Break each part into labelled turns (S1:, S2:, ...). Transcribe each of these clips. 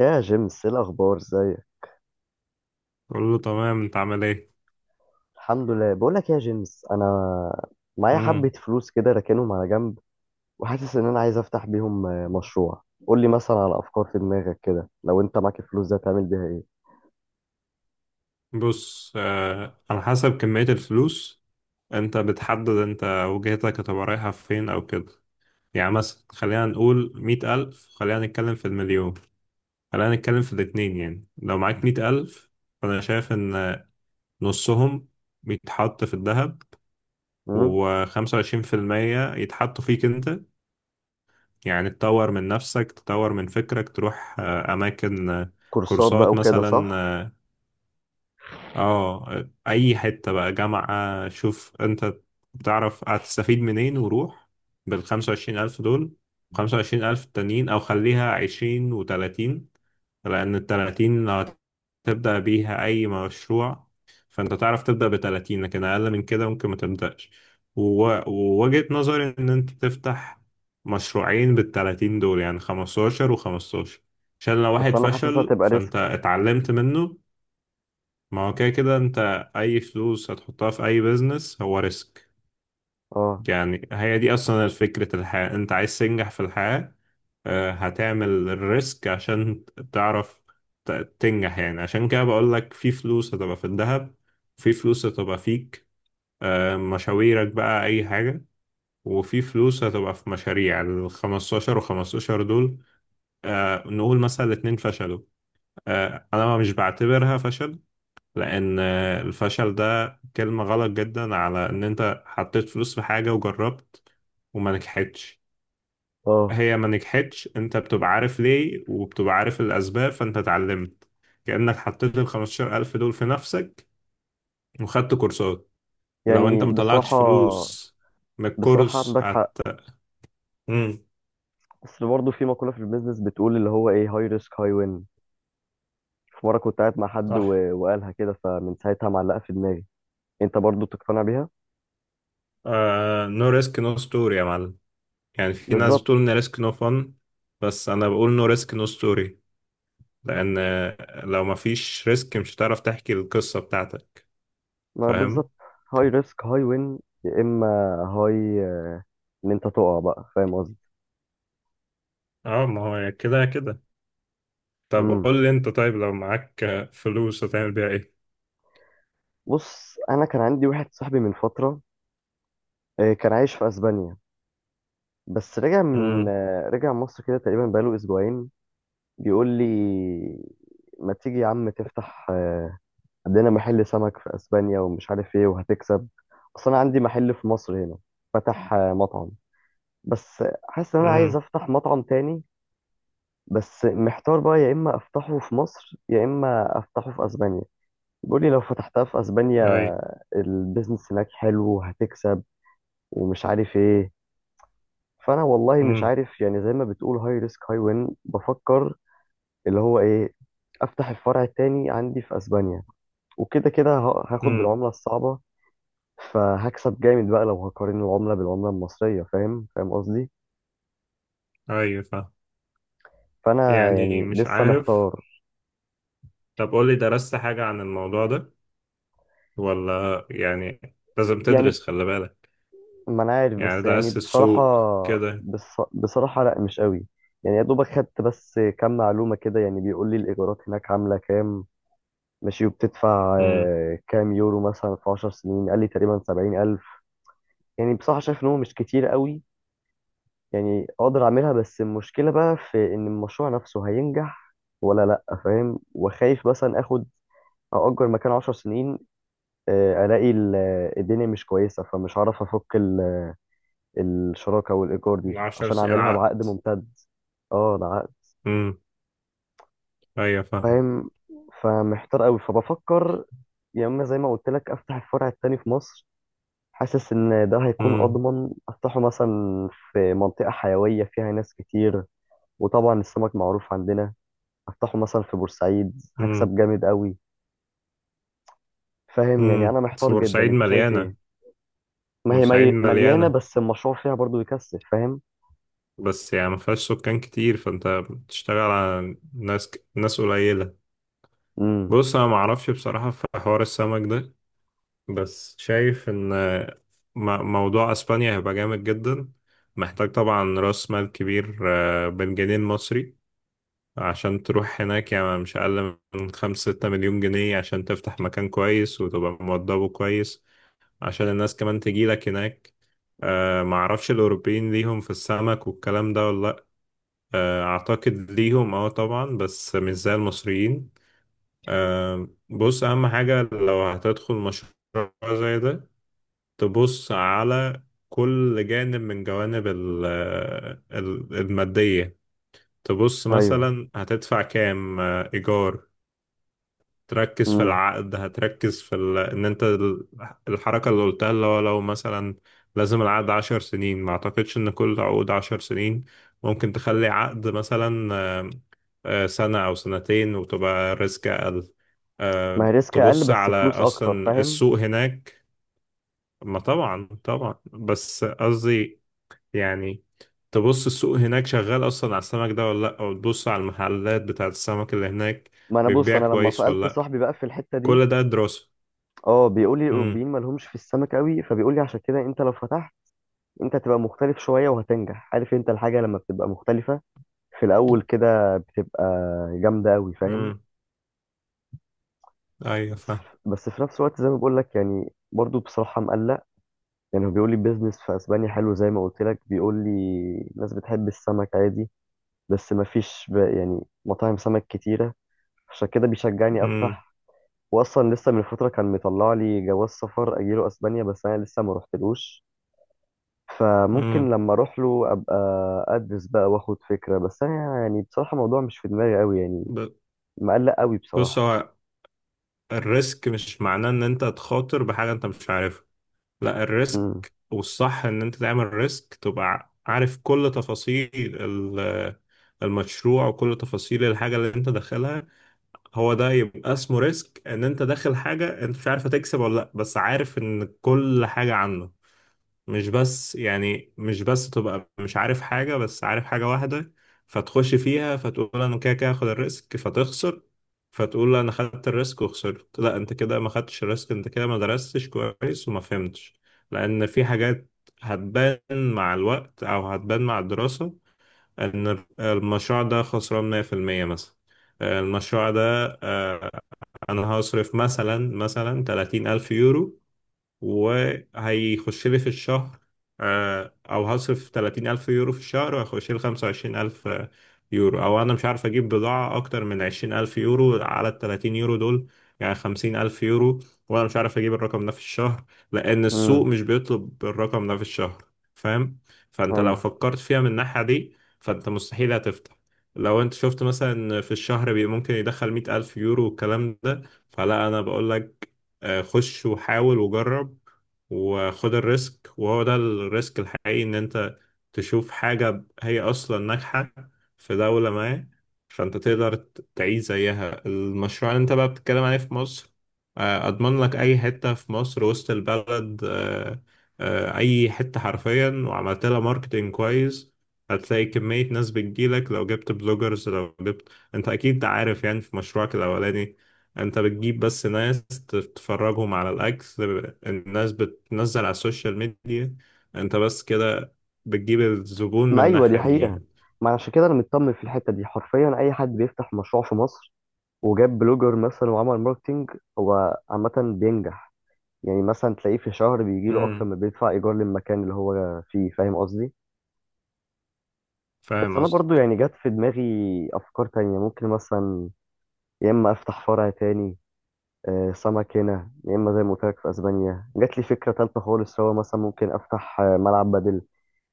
S1: يا جيمس، ايه الاخبار؟ ازيك؟
S2: بقول له تمام، انت عامل ايه؟
S1: الحمد لله. بقول لك يا جيمس، انا معايا حبة
S2: امم.
S1: فلوس كده راكنهم على جنب وحاسس ان انا عايز افتح بيهم مشروع. قول لي مثلا على افكار في دماغك، كده لو انت معاك الفلوس دي هتعمل بيها ايه؟
S2: بص، على حسب كمية الفلوس. انت بتحدد، انت وجهتك هتبقى رايحة فين او كده. يعني مثلا خلينا نقول 100,000، خلينا نتكلم في المليون، خلينا نتكلم في الاتنين. يعني لو معاك 100,000، فأنا شايف إن نصهم بيتحط في الذهب،
S1: امم.
S2: وخمسة وعشرين في المية يتحطوا فيك انت. يعني تطور من نفسك، تطور من فكرك، تروح أماكن،
S1: كورسات بقى
S2: كورسات
S1: وكده،
S2: مثلا.
S1: صح؟
S2: اه، اي حتة بقى، جامعة، شوف انت بتعرف هتستفيد منين وروح بال25,000 دول. 25,000 التانيين، او خليها 20 و30، لان التلاتين لو هتبدأ بيها اي مشروع، فانت تعرف تبدأ بتلاتين، لكن اقل من كده ممكن ما تبدأش. ووجهة نظري ان انت تفتح مشروعين بالتلاتين دول، يعني 15 و15، عشان لو
S1: بس
S2: واحد
S1: انا حاسسها
S2: فشل
S1: تبقى
S2: فانت
S1: ريسكي.
S2: اتعلمت منه. ما هو كده كده انت، اي فلوس هتحطها في اي بيزنس هو ريسك.
S1: اه.
S2: يعني هي دي اصلا فكرة الحياة، انت عايز تنجح في الحياة، هتعمل الريسك عشان تعرف ت- تنجح. يعني عشان كده بقول لك، في فلوس هتبقى في الذهب، في فلوس هتبقى فيك، مشاويرك بقى، اي حاجة، وفي فلوس هتبقى في مشاريع ال 15 و15 دول. نقول مثلا الاتنين فشلوا، انا مش بعتبرها فشل، لان الفشل ده كلمة غلط جدا على ان انت حطيت فلوس في حاجة وجربت وما نجحتش.
S1: اه.
S2: هي ما نجحتش، انت بتبقى عارف ليه وبتبقى عارف الاسباب، فانت اتعلمت. كأنك حطيت ال 15,000 دول في نفسك وخدت كورسات. لو انت
S1: يعني
S2: مطلعتش
S1: بصراحة،
S2: فلوس من
S1: بصراحة
S2: الكورس
S1: عندك حق.
S2: هت. امم.
S1: بس برضه في مقولة في البيزنس بتقول اللي هو ايه، هاي ريسك هاي وين. في مرة كنت قاعد مع حد
S2: صح.
S1: و- وقالها كده، فمن ساعتها معلقة في دماغي. انت برضه تقتنع بيها.
S2: نو ريسك نو ستوري يا معلم. يعني في ناس
S1: بالظبط.
S2: بتقول ان ريسك نو فن، بس انا بقول نو ريسك نو ستوري، لأن لو مفيش ريسك مش هتعرف تحكي القصة بتاعتك.
S1: ما
S2: فاهم.
S1: بالظبط. هاي ريسك هاي وين يا اما، هاي ان انت تقع بقى، فاهم قصدي؟
S2: اه، ما هو كده كده. طب
S1: امم.
S2: قول لي انت، طيب لو معاك فلوس هتعمل بيها ايه؟
S1: بص، انا كان عندي واحد صاحبي من فتره كان عايش في اسبانيا. بس رجع من
S2: امم.
S1: آه، رجع مصر كده، تقريبا بقاله اسبوعين. بيقول لي، ما تيجي يا عم تفتح عندنا محل سمك في اسبانيا ومش عارف ايه وهتكسب. اصل انا عندي محل في مصر هنا، فتح مطعم. بس حاسس ان انا عايز
S2: امم.
S1: افتح مطعم تاني. بس محتار بقى، يا اما افتحه في مصر يا اما افتحه في اسبانيا. بيقول لي لو فتحتها في اسبانيا
S2: اي.
S1: البيزنس هناك حلو وهتكسب ومش عارف ايه. فانا والله مش
S2: امم.
S1: عارف، يعني زي ما بتقول هاي ريسك هاي وين. بفكر اللي هو ايه، افتح الفرع التاني عندي في اسبانيا وكده كده هاخد
S2: امم.
S1: بالعملة الصعبة. فهكسب جامد بقى لو هقارن العملة بالعملة المصرية. فاهم قصدي؟
S2: اي فاهم.
S1: فانا
S2: يعني
S1: يعني
S2: مش
S1: لسه
S2: عارف.
S1: محتار.
S2: طب قول لي، درست حاجة عن الموضوع ده ولا يعني؟ لازم
S1: يعني،
S2: تدرس، خلي بالك.
S1: ما انا عارف
S2: يعني
S1: بس يعني
S2: درست
S1: بصراحة.
S2: السوق كده؟
S1: بصراحة لا، مش قوي. يعني يا دوبك خدت بس كام معلومة كده. يعني بيقول لي الإيجارات هناك عاملة كام، ماشي. وبتدفع
S2: امم.
S1: كام يورو مثلا في 10 سنين؟ قال لي تقريبا 70,000. يعني بصراحة شايف إن هو مش كتير قوي. يعني أقدر أعملها، بس المشكلة بقى في إن المشروع نفسه هينجح ولا لأ، فاهم؟ وخايف مثلا آخد، أأجر مكان 10 سنين ألاقي الدنيا مش كويسة فمش هعرف أفك الشراكة والإيجار دي،
S2: العشر
S1: عشان
S2: سنين
S1: أعملها بعقد
S2: العقد.
S1: ممتد. اه، ده عقد.
S2: امم. ايوه فاهم.
S1: فاهم. فمحتار قوي، فبفكر يا إما زي ما قلت لك أفتح الفرع التاني في مصر. حاسس إن ده هيكون
S2: امم.
S1: أضمن، أفتحه مثلا في منطقة حيوية فيها ناس كتير. وطبعا السمك معروف عندنا. أفتحه مثلا في بورسعيد
S2: امم.
S1: هكسب جامد قوي. فاهم؟ يعني
S2: امم.
S1: أنا
S2: بس
S1: محتار جدا،
S2: بورسعيد
S1: أنت شايف
S2: مليانة.
S1: إيه؟ ما هي
S2: بورسعيد
S1: مليانة
S2: مليانة،
S1: بس المشروع فيها برضو بيكسب، فاهم؟
S2: بس يعني ما فيهاش سكان كتير، فانت بتشتغل على ناس ناس قليلة.
S1: امم.
S2: بص انا ما اعرفش بصراحة في حوار السمك ده، بس شايف ان موضوع اسبانيا هيبقى جامد جدا. محتاج طبعا راس مال كبير، بالجنيه المصري، عشان تروح هناك. يعني مش اقل من 5 6 مليون جنيه، عشان تفتح مكان كويس وتبقى موضبه كويس، عشان الناس كمان تجيلك هناك. ما اعرفش الاوروبيين ليهم في السمك والكلام ده ولا. أعتقد ليهم، اه طبعا، بس مش زي المصريين. بص، أهم حاجة لو هتدخل مشروع زي ده، تبص على كل جانب من جوانب المادية. تبص
S1: أيوه.
S2: مثلا هتدفع كام إيجار، تركز في
S1: امم.
S2: العقد، هتركز في ال... ان انت ال- الحركة اللي قلتها، اللي هو لو مثلا لازم العقد 10 سنين. ما اعتقدش ان كل عقود 10 سنين، ممكن تخلي عقد مثلا سنة او سنتين وتبقى ريسك اقل.
S1: ما هي ريسك أقل
S2: تبص
S1: بس
S2: على
S1: فلوس أكتر،
S2: اصلا
S1: فاهم؟
S2: السوق هناك. ما طبعا طبعا، بس قصدي يعني، تبص السوق هناك شغال اصلا على السمك ده ولا لا، او تبص على المحلات بتاعت السمك اللي هناك
S1: ما انا بص،
S2: بتبيع
S1: انا لما
S2: كويس ولا
S1: سالت
S2: لا.
S1: صاحبي بقى في الحته دي.
S2: كل ده دراسة.
S1: اه، بيقول لي
S2: امم.
S1: الاوروبيين ما لهمش في السمك قوي، فبيقول لي عشان كده انت لو فتحت، انت هتبقى مختلف شويه وهتنجح. عارف انت الحاجه لما بتبقى مختلفه في الاول كده بتبقى جامده قوي، فاهم؟
S2: امم. ايوه
S1: بس في
S2: فاهم.
S1: بس في نفس الوقت زي ما بقول لك، يعني برضو بصراحه مقلق. يعني هو بيقول لي البيزنس في اسبانيا حلو، زي ما قلت لك، بيقول لي الناس بتحب السمك عادي. بس ما فيش يعني مطاعم سمك كتيره، عشان كده بيشجعني
S2: امم.
S1: افتح. واصلا لسه من فتره كان مطلع لي جواز سفر اجيله اسبانيا، بس انا لسه ما رحتلوش.
S2: امم.
S1: فممكن لما اروح له ابقى ادرس بقى واخد فكره. بس انا يعني بصراحه الموضوع مش في دماغي قوي، يعني
S2: ب-
S1: مقلق قوي
S2: بص،
S1: بصراحه.
S2: هو الريسك مش معناه ان انت تخاطر بحاجه انت مش عارفها. لا، الريسك
S1: امم.
S2: والصح ان انت تعمل ريسك تبقى عارف كل تفاصيل المشروع وكل تفاصيل الحاجه اللي انت داخلها. هو ده يبقى اسمه ريسك، ان انت داخل حاجه انت مش عارف هتكسب ولا لا، بس عارف ان كل حاجه عنه. مش بس يعني، مش بس تبقى مش عارف حاجة، بس عارف حاجة واحدة فتخش فيها، فتقول أنا كده كده هاخد الريسك فتخسر. فتقول أنا خدت الريسك وخسرت. لا، أنت كده ما خدتش الريسك، أنت كده ما درستش كويس وما فهمتش. لأن في حاجات هتبان مع الوقت أو هتبان مع الدراسة إن المشروع ده خسران 100%. مثلا المشروع ده، آه، أنا هصرف مثلا 30 ألف يورو وهيخش لي في الشهر أو هصرف 30,000 يورو في الشهر وهيخش لي 25,000 يورو، أو أنا مش عارف أجيب بضاعة أكتر من 20,000 يورو على ال 30 يورو دول، يعني 50,000 يورو، وأنا مش عارف أجيب الرقم ده في الشهر، لأن السوق
S1: امم.
S2: مش بيطلب الرقم ده في الشهر. فاهم. فأنت لو
S1: ايوه.
S2: فكرت فيها من الناحية دي، فأنت مستحيل هتفتح. لو انت شفت مثلا في الشهر ممكن يدخل 100,000 يورو والكلام ده، فلا، أنا بقول لك خش وحاول وجرب وخد الريسك. وهو ده الريسك الحقيقي، ان انت تشوف حاجة هي اصلا ناجحة في دولة ما، فانت تقدر تعيش زيها المشروع اللي انت بقى بتتكلم عليه في مصر. اضمن لك اي حتة في مصر، وسط البلد، اي حتة حرفيا، وعملت لها ماركتينج كويس، هتلاقي كمية ناس بتجيلك. لو جبت بلوجرز، لو جبت، انت اكيد عارف يعني، في مشروعك الاولاني انت بتجيب بس ناس تتفرجهم على الاكل، الناس بتنزل على السوشيال ميديا، انت بس كده بتجيب الزبون من
S1: ما ايوه، دي
S2: الناحية دي
S1: حقيقه.
S2: يعني.
S1: ما عشان كده انا مطمن في الحته دي، حرفيا اي حد بيفتح مشروع في مصر وجاب بلوجر مثلا وعمل ماركتينج، هو عامه بينجح. يعني مثلا تلاقيه في شهر بيجيله اكتر
S2: امم.
S1: ما بيدفع ايجار للمكان اللي هو فيه، فاهم قصدي؟ بس
S2: فاهم
S1: انا برضو
S2: قصدك.
S1: يعني جت في دماغي افكار تانية، ممكن مثلا يا اما افتح فرع تاني سمك هنا، يا اما زي ما قلت لك في اسبانيا. جات لي فكره تالتة خالص. هو مثلا ممكن افتح ملعب بدل.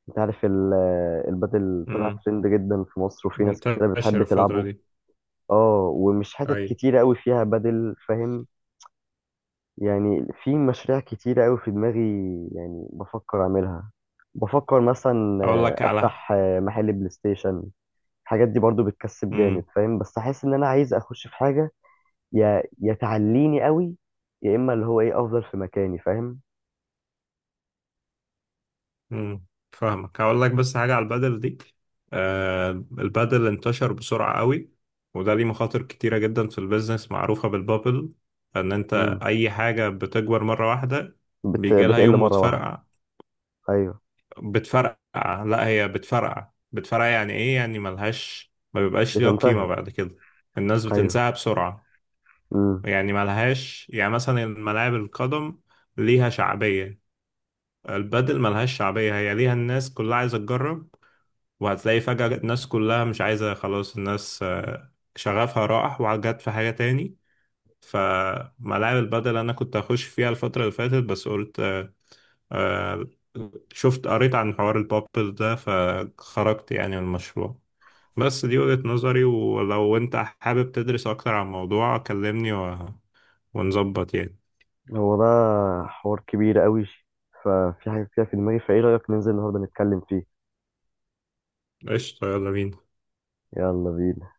S1: انت عارف البدل طلع
S2: امم.
S1: ترند جدا في مصر وفي ناس كتيره
S2: منتشر
S1: بتحب
S2: الفترة
S1: تلعبه.
S2: دي.
S1: اه، ومش حتت
S2: اي.
S1: كتيره قوي فيها بدل، فاهم؟ يعني في مشاريع كتيره قوي في دماغي، يعني بفكر اعملها. بفكر مثلا
S2: اقول لك على.
S1: افتح محل بلاي ستيشن. الحاجات دي برضو بتكسب جامد،
S2: امم.
S1: فاهم؟ بس احس ان انا عايز اخش في حاجه يا تعليني قوي، يا اما اللي هو ايه افضل في مكاني، فاهم؟
S2: امم. فاهمك. هقول لك بس حاجة على البدل دي. آه، البدل انتشر بسرعة قوي، وده ليه مخاطر كتيرة جدا في البيزنس، معروفة بالبابل، ان انت
S1: امم.
S2: اي حاجة بتكبر مرة واحدة بيجي لها
S1: بتقل
S2: يوم
S1: مره واحده.
S2: وتفرقع.
S1: ايوه.
S2: بتفرقع، لا هي بتفرقع بتفرقع. يعني ايه؟ يعني ملهاش، ما بيبقاش ليها قيمة
S1: بتنتهي.
S2: بعد كده، الناس
S1: ايوه.
S2: بتنساها بسرعة.
S1: امم.
S2: يعني ملهاش، يعني مثلا ملاعب القدم ليها شعبية، البادل ملهاش شعبية، هي ليها الناس كلها عايزة تجرب، وهتلاقي فجأة الناس كلها مش عايزة، خلاص الناس شغفها راح وجت في حاجة تاني. فملاعب البادل أنا كنت هخش فيها الفترة اللي فاتت، بس قلت آه، شفت قريت عن حوار البابل ده فخرجت يعني من المشروع. بس دي وجهة نظري، ولو انت حابب تدرس اكتر عن الموضوع كلمني ونظبط يعني.
S1: هو ده حوار كبير قوي، ففي حاجه كده في دماغي، فايه رايك ننزل النهارده نتكلم فيه؟
S2: قشطة، يلا بينا.
S1: يلا بينا.